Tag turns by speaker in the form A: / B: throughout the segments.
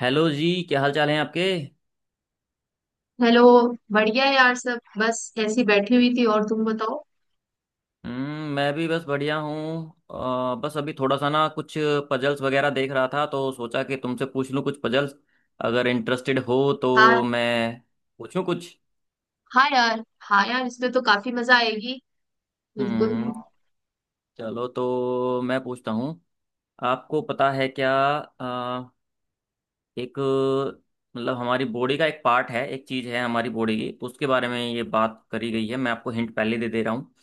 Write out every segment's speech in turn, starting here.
A: Hello जी, क्या हाल चाल है आपके।
B: हेलो। बढ़िया है यार सब, बस ऐसी बैठी हुई थी। और तुम बताओ?
A: मैं भी बस बढ़िया हूँ। बस अभी थोड़ा सा ना कुछ पजल्स वगैरह देख रहा था तो सोचा कि तुमसे पूछ लूँ कुछ पजल्स, अगर इंटरेस्टेड हो तो
B: हाँ।
A: मैं पूछूँ कुछ।
B: हाँ यार। हाँ यार, इसमें तो काफी मजा आएगी।
A: हम्म
B: बिल्कुल।
A: चलो तो मैं पूछता हूँ। आपको पता है क्या। अ, एक, मतलब हमारी बॉडी का एक पार्ट है, एक चीज़ है हमारी बॉडी की, तो उसके बारे में ये बात करी गई है। मैं आपको हिंट पहले दे दे रहा हूँ।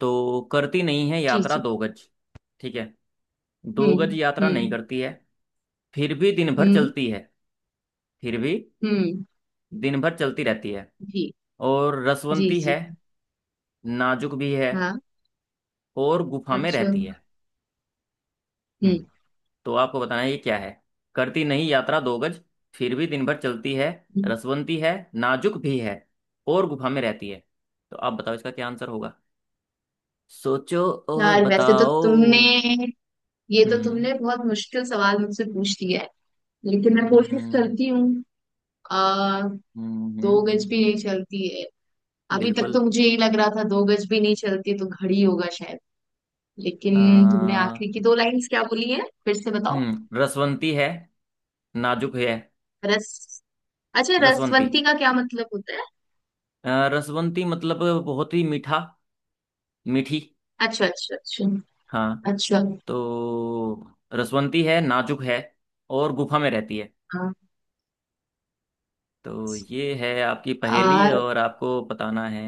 A: तो करती नहीं है
B: जी
A: यात्रा
B: जी।
A: दो गज। ठीक है। दो गज
B: हम्म।
A: यात्रा नहीं
B: हम्म।
A: करती है, फिर भी दिन भर
B: हम्म।
A: चलती है। फिर भी
B: हम्म।
A: दिन भर चलती रहती है,
B: जी
A: और
B: जी
A: रसवंती
B: जी।
A: है, नाजुक भी है,
B: हाँ।
A: और गुफा में
B: अच्छा।
A: रहती
B: हम्म।
A: है। हम्म। तो आपको बताना है ये क्या है। करती नहीं यात्रा दो गज, फिर भी दिन भर चलती है,
B: हम्म।
A: रसवंती है नाजुक भी है, और गुफा में रहती है। तो आप बताओ इसका क्या आंसर होगा। सोचो और
B: यार, वैसे तो
A: बताओ।
B: तुमने, ये तो
A: हम्म
B: तुमने बहुत मुश्किल सवाल मुझसे पूछ लिया है, लेकिन मैं कोशिश
A: हम्म
B: करती हूँ। आ
A: हम्म,
B: दो
A: हम्म,
B: गज भी
A: हम्म।
B: नहीं चलती है। अभी तक
A: बिल्कुल।
B: तो मुझे यही लग रहा था, दो गज भी नहीं चलती तो घड़ी होगा शायद। लेकिन तुमने
A: आ,
B: आखिरी की दो लाइंस क्या बोली है? फिर से बताओ।
A: हम्म, रसवंती है नाजुक है।
B: रस, अच्छा,
A: रसवंती,
B: रसवंती का क्या मतलब होता है?
A: रसवंती मतलब बहुत ही मीठा, मीठी।
B: अच्छा अच्छा अच्छा।
A: हाँ।
B: अच्छा।
A: तो रसवंती है नाजुक है और गुफा में रहती है।
B: हाँ।
A: तो ये है आपकी पहेली
B: आ,
A: और आपको बताना है।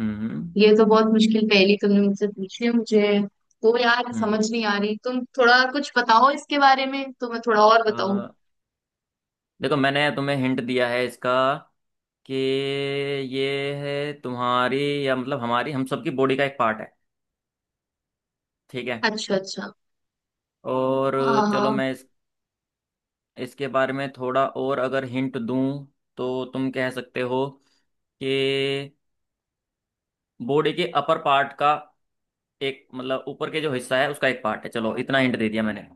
A: हम्म।
B: ये तो बहुत मुश्किल पहेली तुमने मुझसे पूछी है। मुझे तो यार समझ
A: हम्म।
B: नहीं आ रही, तुम थोड़ा कुछ बताओ इसके बारे में तो मैं थोड़ा और
A: अ,
B: बताऊं।
A: देखो, मैंने तुम्हें हिंट दिया है इसका, कि ये है तुम्हारी, या मतलब हमारी, हम सबकी बॉडी का एक पार्ट है। ठीक है।
B: अच्छा अच्छा।
A: और चलो
B: आ,
A: मैं इस, इसके बारे में थोड़ा और अगर हिंट दूं, तो तुम कह सकते हो कि बॉडी के अपर पार्ट का एक, मतलब ऊपर के जो हिस्सा है उसका एक पार्ट है। चलो इतना हिंट दे दिया मैंने।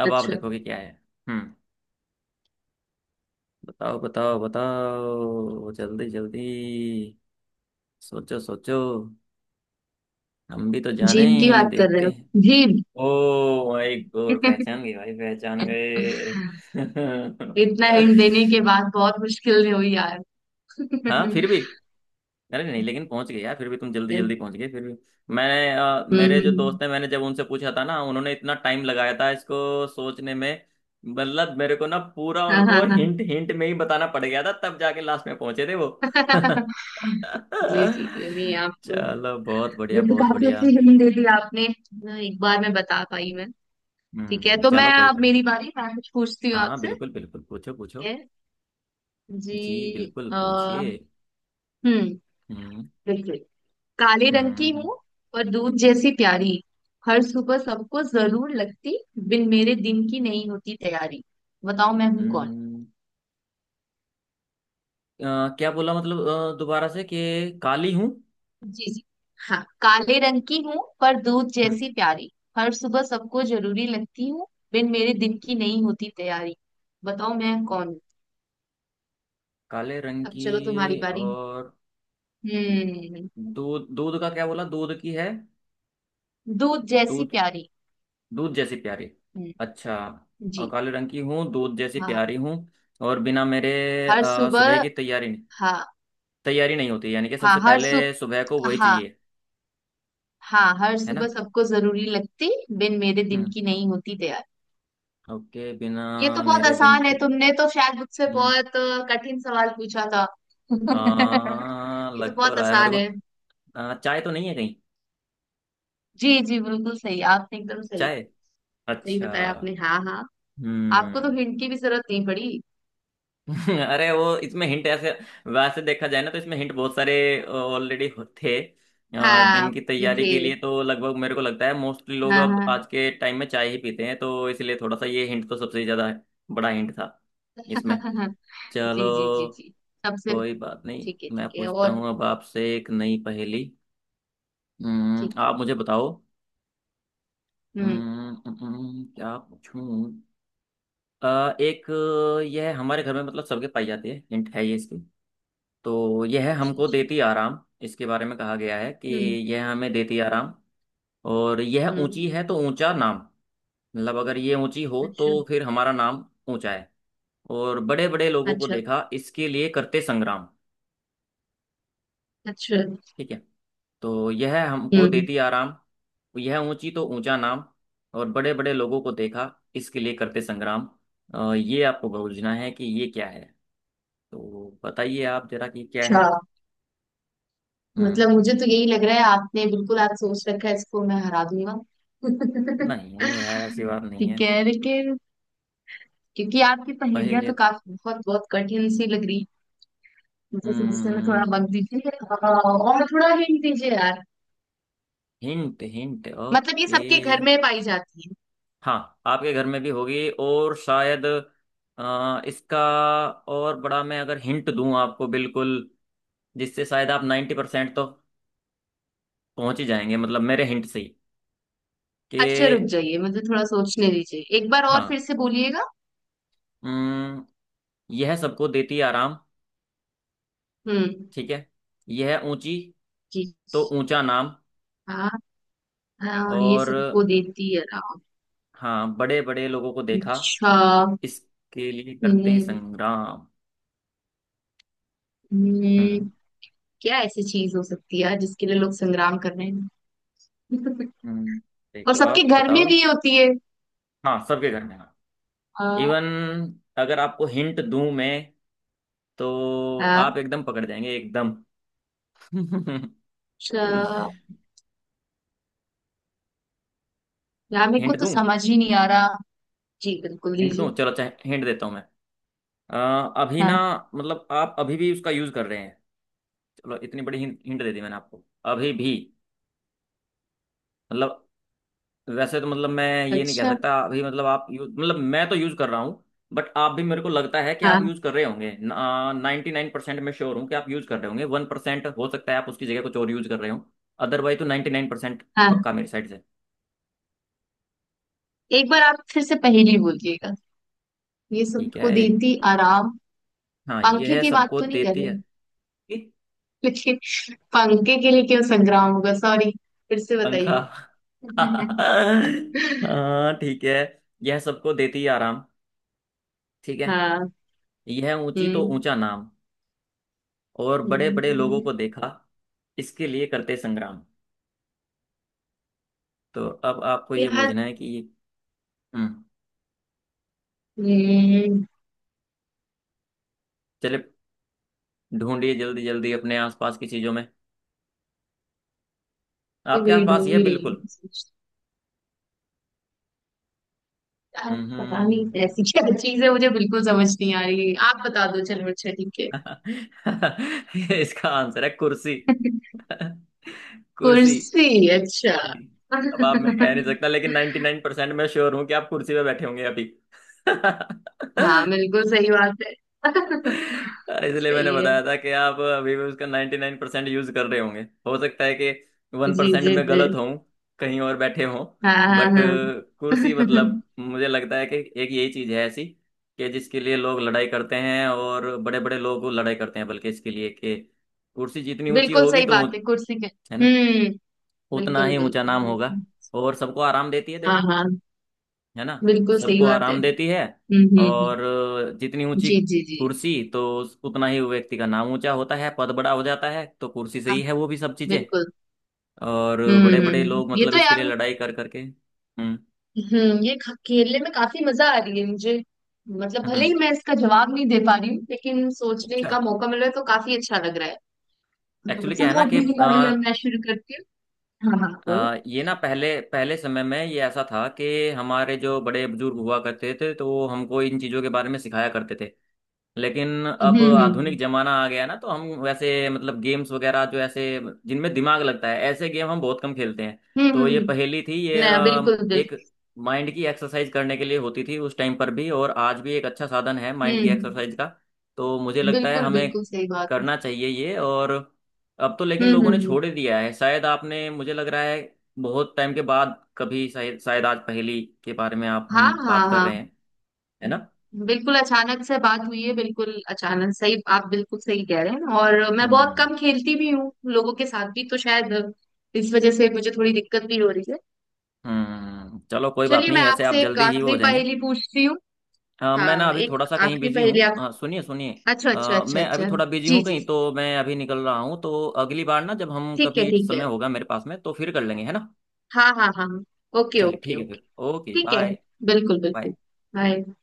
A: अब आप
B: अच्छा।
A: देखोगे क्या है। हम्म। बताओ बताओ बताओ जल्दी जल्दी। सोचो सोचो। हम भी तो जाने,
B: जीभ की बात कर रहे
A: देखते
B: हो?
A: हैं।
B: जीभ।
A: ओ माय गॉड, पहचान गए भाई, पहचान गए।
B: इतना हिंट देने के बाद बहुत मुश्किल हुई यार।
A: हाँ
B: हम्म।
A: फिर भी। अरे नहीं, लेकिन पहुंच गए यार, फिर भी तुम जल्दी जल्दी पहुंच गए फिर भी। मैंने मेरे जो
B: हम्म।
A: दोस्त हैं, मैंने जब उनसे पूछा था ना, उन्होंने इतना टाइम लगाया था इसको सोचने में। मतलब मेरे को ना पूरा
B: हाँ हाँ
A: उनको
B: हाँ।
A: हिंट हिंट में ही बताना पड़ गया था, तब जाके लास्ट में पहुंचे थे वो।
B: जी जी जी, नहीं आप,
A: चलो बहुत
B: ये
A: बढ़िया
B: तो
A: बहुत
B: काफी
A: बढ़िया।
B: अच्छी हिंट दे दी आपने, एक बार में बता पाई मैं। ठीक है,
A: हम्म,
B: तो
A: चलो
B: मैं
A: कोई
B: अब,
A: बात नहीं।
B: मेरी बारी, मैं कुछ पूछती हूँ
A: हाँ
B: आपसे।
A: बिल्कुल बिल्कुल, पूछो पूछो।
B: ठीक है।
A: जी
B: जी।
A: बिल्कुल पूछिए।
B: हम्म।
A: हम्म।
B: बिल्कुल। काले रंग
A: हम्म।
B: की
A: हम्म।
B: हूँ और दूध जैसी प्यारी। हर सुबह सबको जरूर लगती, बिन मेरे दिन की नहीं होती तैयारी। बताओ मैं हूँ?
A: हम्म। क्या बोला मतलब, दोबारा से कि काली हूँ।
B: जी जी। हाँ, काले रंग की हूँ पर दूध
A: हम्म।
B: जैसी प्यारी। हर सुबह सबको जरूरी लगती हूँ, बिन मेरे दिन की नहीं होती तैयारी। बताओ मैं कौन हूँ?
A: काले रंग
B: अब
A: की
B: चलो तुम्हारी बारी।
A: और,
B: हम्म।
A: दूध, दूध का क्या बोला, दूध की है।
B: दूध जैसी
A: दूध,
B: प्यारी।
A: दूध जैसी प्यारी।
B: हम्म।
A: अच्छा। और
B: जी।
A: काले रंग की हूँ, दूध जैसी
B: हाँ।
A: प्यारी हूँ, और बिना मेरे,
B: हर
A: सुबह
B: सुबह।
A: की तैयारी नहीं,
B: हाँ।
A: तैयारी नहीं होती, यानी कि
B: हाँ
A: सबसे
B: हर
A: पहले
B: सु
A: सुबह को वही
B: हाँ,
A: चाहिए,
B: हाँ, हर
A: है
B: सुबह
A: ना।
B: सबको जरूरी लगती, बिन मेरे दिन
A: हम्म।
B: की नहीं होती तैयारी।
A: ओके, बिना
B: ये तो बहुत
A: मेरे दिन
B: आसान है।
A: की,
B: तुमने तो शायद मुझसे
A: हम्म,
B: बहुत कठिन सवाल पूछा था। ये तो
A: लग तो
B: बहुत
A: रहा है मेरे
B: आसान
A: को,
B: है।
A: चाय तो नहीं है कहीं।
B: जी जी, बिल्कुल सही आपने, एकदम सही।
A: चाय।
B: सही
A: अच्छा।
B: बताया आपने, हाँ हाँ। आपको तो
A: हम्म।
B: हिंट की भी जरूरत नहीं पड़ी।
A: अरे वो इसमें हिंट ऐसे, वैसे देखा जाए ना तो इसमें हिंट बहुत सारे ऑलरेडी थे।
B: हाँ।
A: दिन की तैयारी के
B: थे।
A: लिए तो लगभग मेरे को लगता है मोस्टली लोग
B: हाँ
A: अब
B: हाँ।
A: आज के टाइम में चाय ही पीते हैं, तो इसलिए थोड़ा सा ये हिंट तो सबसे ज्यादा बड़ा हिंट था इसमें। चलो
B: जी जी जी जी। सबसे।
A: कोई बात नहीं।
B: ठीक है
A: मैं
B: ठीक है।
A: पूछता
B: और
A: हूँ अब आपसे एक नई पहेली।
B: ठीक है।
A: आप मुझे बताओ।
B: हम्म।
A: क्या पूछूं। एक, यह हमारे घर में मतलब सबके पाई जाती है, हिंट है ये इसकी। तो यह
B: अच्छा
A: हमको
B: अच्छा।
A: देती आराम। इसके बारे में कहा गया है कि
B: हम्म
A: यह हमें देती आराम, और यह ऊंची
B: हम्म।
A: है तो ऊंचा नाम, मतलब अगर ये ऊंची हो
B: अच्छा
A: तो फिर हमारा नाम ऊंचा है। और बड़े बड़े लोगों को
B: अच्छा
A: देखा इसके लिए करते संग्राम।
B: अच्छा।
A: ठीक है। तो यह हमको
B: हम्म।
A: देती आराम, यह ऊंची तो ऊंचा नाम, और बड़े बड़े लोगों को देखा इसके लिए करते संग्राम। ये आपको बूझना है कि ये क्या है। तो बताइए आप जरा कि क्या
B: अच्छा।
A: है। हम्म।
B: मतलब मुझे तो यही लग रहा है, आपने बिल्कुल आज सोच रखा है इसको मैं हरा दूंगा।
A: नहीं है यार, ऐसी बात नहीं है।
B: ठीक है, लेकिन, क्योंकि आपकी पहेलियां तो
A: पहेलियाँ।
B: काफी बहुत बहुत कठिन सी लग रही, मुझे समस्या में थोड़ा
A: हम्म।
B: वक्त दीजिए और थोड़ा हिंट दीजिए यार।
A: हिंट हिंट
B: मतलब ये
A: ओके।
B: सबके घर में पाई जाती है?
A: हाँ, आपके घर में भी होगी और शायद, इसका और बड़ा मैं अगर हिंट दूं आपको, बिल्कुल, जिससे शायद आप 90% तो पहुंच ही जाएंगे मतलब मेरे हिंट से ही, कि,
B: अच्छा रुक जाइए, मुझे थोड़ा सोचने दीजिए, एक बार और फिर
A: हाँ।
B: से बोलिएगा।
A: हम्म, यह सबको देती आराम।
B: हम्म।
A: ठीक है। यह ऊंची
B: कीच-
A: तो ऊंचा नाम,
B: हाँ। हाँ, ये
A: और
B: सबको देती है राम।
A: हाँ, बड़े बड़े लोगों को देखा
B: अच्छा।
A: इसके लिए करते
B: हम्म,
A: संग्राम।
B: हम्म,
A: हम्म,
B: क्या ऐसी चीज हो सकती है यार जिसके लिए लोग संग्राम कर रहे हैं?
A: हम्म,
B: और
A: देखो
B: सबके
A: आप
B: घर में
A: बताओ।
B: भी होती है?
A: हाँ, सबके घर में हाँ। इवन,
B: हाँ,
A: अगर आपको हिंट दूं मैं, तो
B: हाँ,
A: आप एकदम पकड़ जाएंगे एकदम।
B: अच्छा। यार मेरे को
A: हिंट
B: तो
A: दूं,
B: समझ ही नहीं आ रहा। जी बिल्कुल
A: हिंट दूं,
B: दीजिए।
A: चलो अच्छा, हिंट देता हूं मैं। अ, अभी ना,
B: हाँ।
A: मतलब आप अभी भी उसका यूज कर रहे हैं। चलो इतनी बड़ी हिंट हिंट दे दी मैंने आपको। अभी भी, मतलब, वैसे तो मतलब मैं ये नहीं कह
B: अच्छा।
A: सकता अभी, मतलब आप यूज, मतलब मैं तो यूज कर रहा हूँ, बट आप भी मेरे को लगता है कि आप
B: हाँ
A: यूज कर रहे होंगे 99%। मैं श्योर हूँ कि आप यूज कर रहे होंगे। 1% हो सकता है आप उसकी जगह कुछ और यूज कर रहे हो, अदरवाइज तो 99%
B: हाँ।
A: पक्का मेरी साइड से।
B: एक बार आप फिर से पहेली बोलिएगा। ये
A: ठीक है।
B: सबको
A: एक,
B: देती आराम।
A: हाँ, ये
B: पंखे
A: है
B: की बात
A: सबको
B: तो नहीं कर
A: देती
B: रहे?
A: है, कि,
B: लेकिन पंखे के लिए क्यों संग्राम होगा? सॉरी, फिर से
A: पंखा।
B: बताइए।
A: हाँ ठीक है। यह सबको देती है आराम, ठीक है,
B: हाँ।
A: यह ऊंची तो
B: हम्म।
A: ऊंचा नाम, और बड़े बड़े लोगों
B: हम्म,
A: को देखा इसके लिए करते संग्राम। तो अब आपको ये
B: यार।
A: बूझना है कि, हम्म,
B: हम्म,
A: चले, ढूंढिए जल्दी जल्दी अपने आसपास की चीजों में।
B: ये
A: आपके
B: वही
A: आसपास
B: ढूंढ
A: ये
B: ही रही
A: बिल्कुल।
B: हूँ सोच- यार पता नहीं
A: हम्म।
B: ऐसी क्या चीज है, मुझे बिल्कुल समझ नहीं आ रही। आप बता दो, चलो अच्छा ठीक है।
A: इसका आंसर है कुर्सी। कुर्सी।
B: कुर्सी, अच्छा।
A: अब आप, मैं कह नहीं सकता लेकिन 99% मैं श्योर हूं कि आप कुर्सी पे बैठे होंगे अभी।
B: हाँ बिल्कुल सही बात है।
A: इसलिए मैंने
B: सही है।
A: बताया था कि आप अभी भी उसका 99% 9% यूज कर रहे होंगे। हो सकता है कि वन
B: जी
A: परसेंट
B: जी
A: में
B: जी।
A: गलत हों, कहीं और बैठे हों,
B: हाँ हाँ
A: बट
B: हाँ।
A: कुर्सी, मतलब मुझे लगता है कि एक यही चीज है ऐसी कि जिसके लिए लोग लड़ाई करते हैं, और बड़े बड़े लोग लड़ाई करते हैं बल्कि इसके लिए, कि कुर्सी जितनी ऊंची
B: बिल्कुल
A: होगी
B: सही
A: तो,
B: बात है कुर्सी के।
A: है ना,
B: हम्म।
A: उतना
B: बिल्कुल
A: ही ऊंचा
B: बिल्कुल
A: नाम होगा,
B: बिल्कुल।
A: और सबको आराम देती है
B: हाँ
A: देखो,
B: हाँ,
A: है ना,
B: बिल्कुल सही
A: सबको
B: बात है।
A: आराम देती है,
B: हम्म हम्म हम्म,
A: और जितनी ऊंची
B: जी जी जी।
A: कुर्सी तो उतना ही व्यक्ति का नाम ऊंचा होता है, पद बड़ा हो जाता है, तो कुर्सी से
B: हाँ।
A: ही है वो भी सब चीजें।
B: बिल्कुल।
A: और बड़े बड़े लोग
B: ये
A: मतलब
B: तो
A: इसके लिए
B: यार,
A: लड़ाई कर करके, हम्म,
B: हम्म, ये खेलने में काफी मजा आ रही है मुझे। मतलब भले ही
A: हम्म,
B: मैं इसका जवाब नहीं दे पा रही हूँ, लेकिन सोचने
A: अच्छा।
B: का मौका मिल रहा है तो काफी अच्छा लग रहा है।
A: एक्चुअली क्या है
B: चलो,
A: ना कि
B: अभी अभी अब मैं शुरू करती हूँ। हाँ हाँ बोलो।
A: ये ना, पहले पहले समय में ये ऐसा था कि हमारे जो बड़े बुजुर्ग हुआ करते थे, तो वो हमको इन चीजों के बारे में सिखाया करते थे। लेकिन अब
B: हम्म
A: आधुनिक
B: हम्म
A: जमाना आ गया ना, तो हम वैसे मतलब गेम्स वगैरह जो ऐसे जिनमें दिमाग लगता है, ऐसे गेम हम बहुत कम खेलते हैं।
B: हम्म हम्म,
A: तो
B: हम्म,
A: ये
B: हम्म।
A: पहेली थी, ये
B: नया, बिल्कुल
A: एक
B: बिल्कुल।
A: माइंड की एक्सरसाइज करने के लिए होती थी उस टाइम पर भी, और आज भी एक अच्छा साधन है
B: हम्म।
A: माइंड की
B: हम्म।
A: एक्सरसाइज का। तो मुझे लगता है
B: बिल्कुल
A: हमें
B: बिल्कुल सही बात है।
A: करना चाहिए ये, और अब तो लेकिन लोगों ने
B: हम्म।
A: छोड़ ही दिया है शायद, आपने, मुझे लग रहा है बहुत टाइम के बाद कभी शायद, शायद आज पहेली के बारे में आप
B: हाँ
A: हम बात
B: हाँ
A: कर
B: हाँ,
A: रहे हैं, है ना।
B: बिल्कुल अचानक से बात हुई है, बिल्कुल अचानक। सही, आप बिल्कुल सही कह रहे हैं, और मैं
A: हम्म
B: बहुत
A: हम्म
B: कम खेलती भी हूँ लोगों के साथ भी, तो शायद इस वजह से मुझे थोड़ी दिक्कत भी हो रही है।
A: हम्म, चलो कोई बात
B: चलिए मैं
A: नहीं, ऐसे आप
B: आपसे एक
A: जल्दी ही वो हो
B: आखिरी
A: जाएंगे।
B: पहेली पूछती हूँ।
A: मैं ना
B: हाँ,
A: अभी थोड़ा
B: एक
A: सा कहीं
B: आखिरी
A: बिजी
B: पहेली
A: हूँ,
B: आप।
A: सुनिए सुनिए,
B: अच्छा अच्छा अच्छा
A: मैं अभी
B: अच्छा।
A: थोड़ा बिजी
B: जी
A: हूँ
B: जी।
A: कहीं, तो मैं अभी निकल रहा हूँ, तो अगली बार ना, जब हम
B: ठीक है
A: कभी,
B: ठीक
A: समय
B: है।
A: होगा मेरे पास में, तो फिर कर लेंगे, है ना।
B: हाँ हाँ हाँ हाँ। ओके
A: चलिए
B: ओके
A: ठीक
B: ओके।
A: है फिर, ओके
B: ठीक है।
A: बाय।
B: बिल्कुल
A: बाय।
B: बिल्कुल। बाय।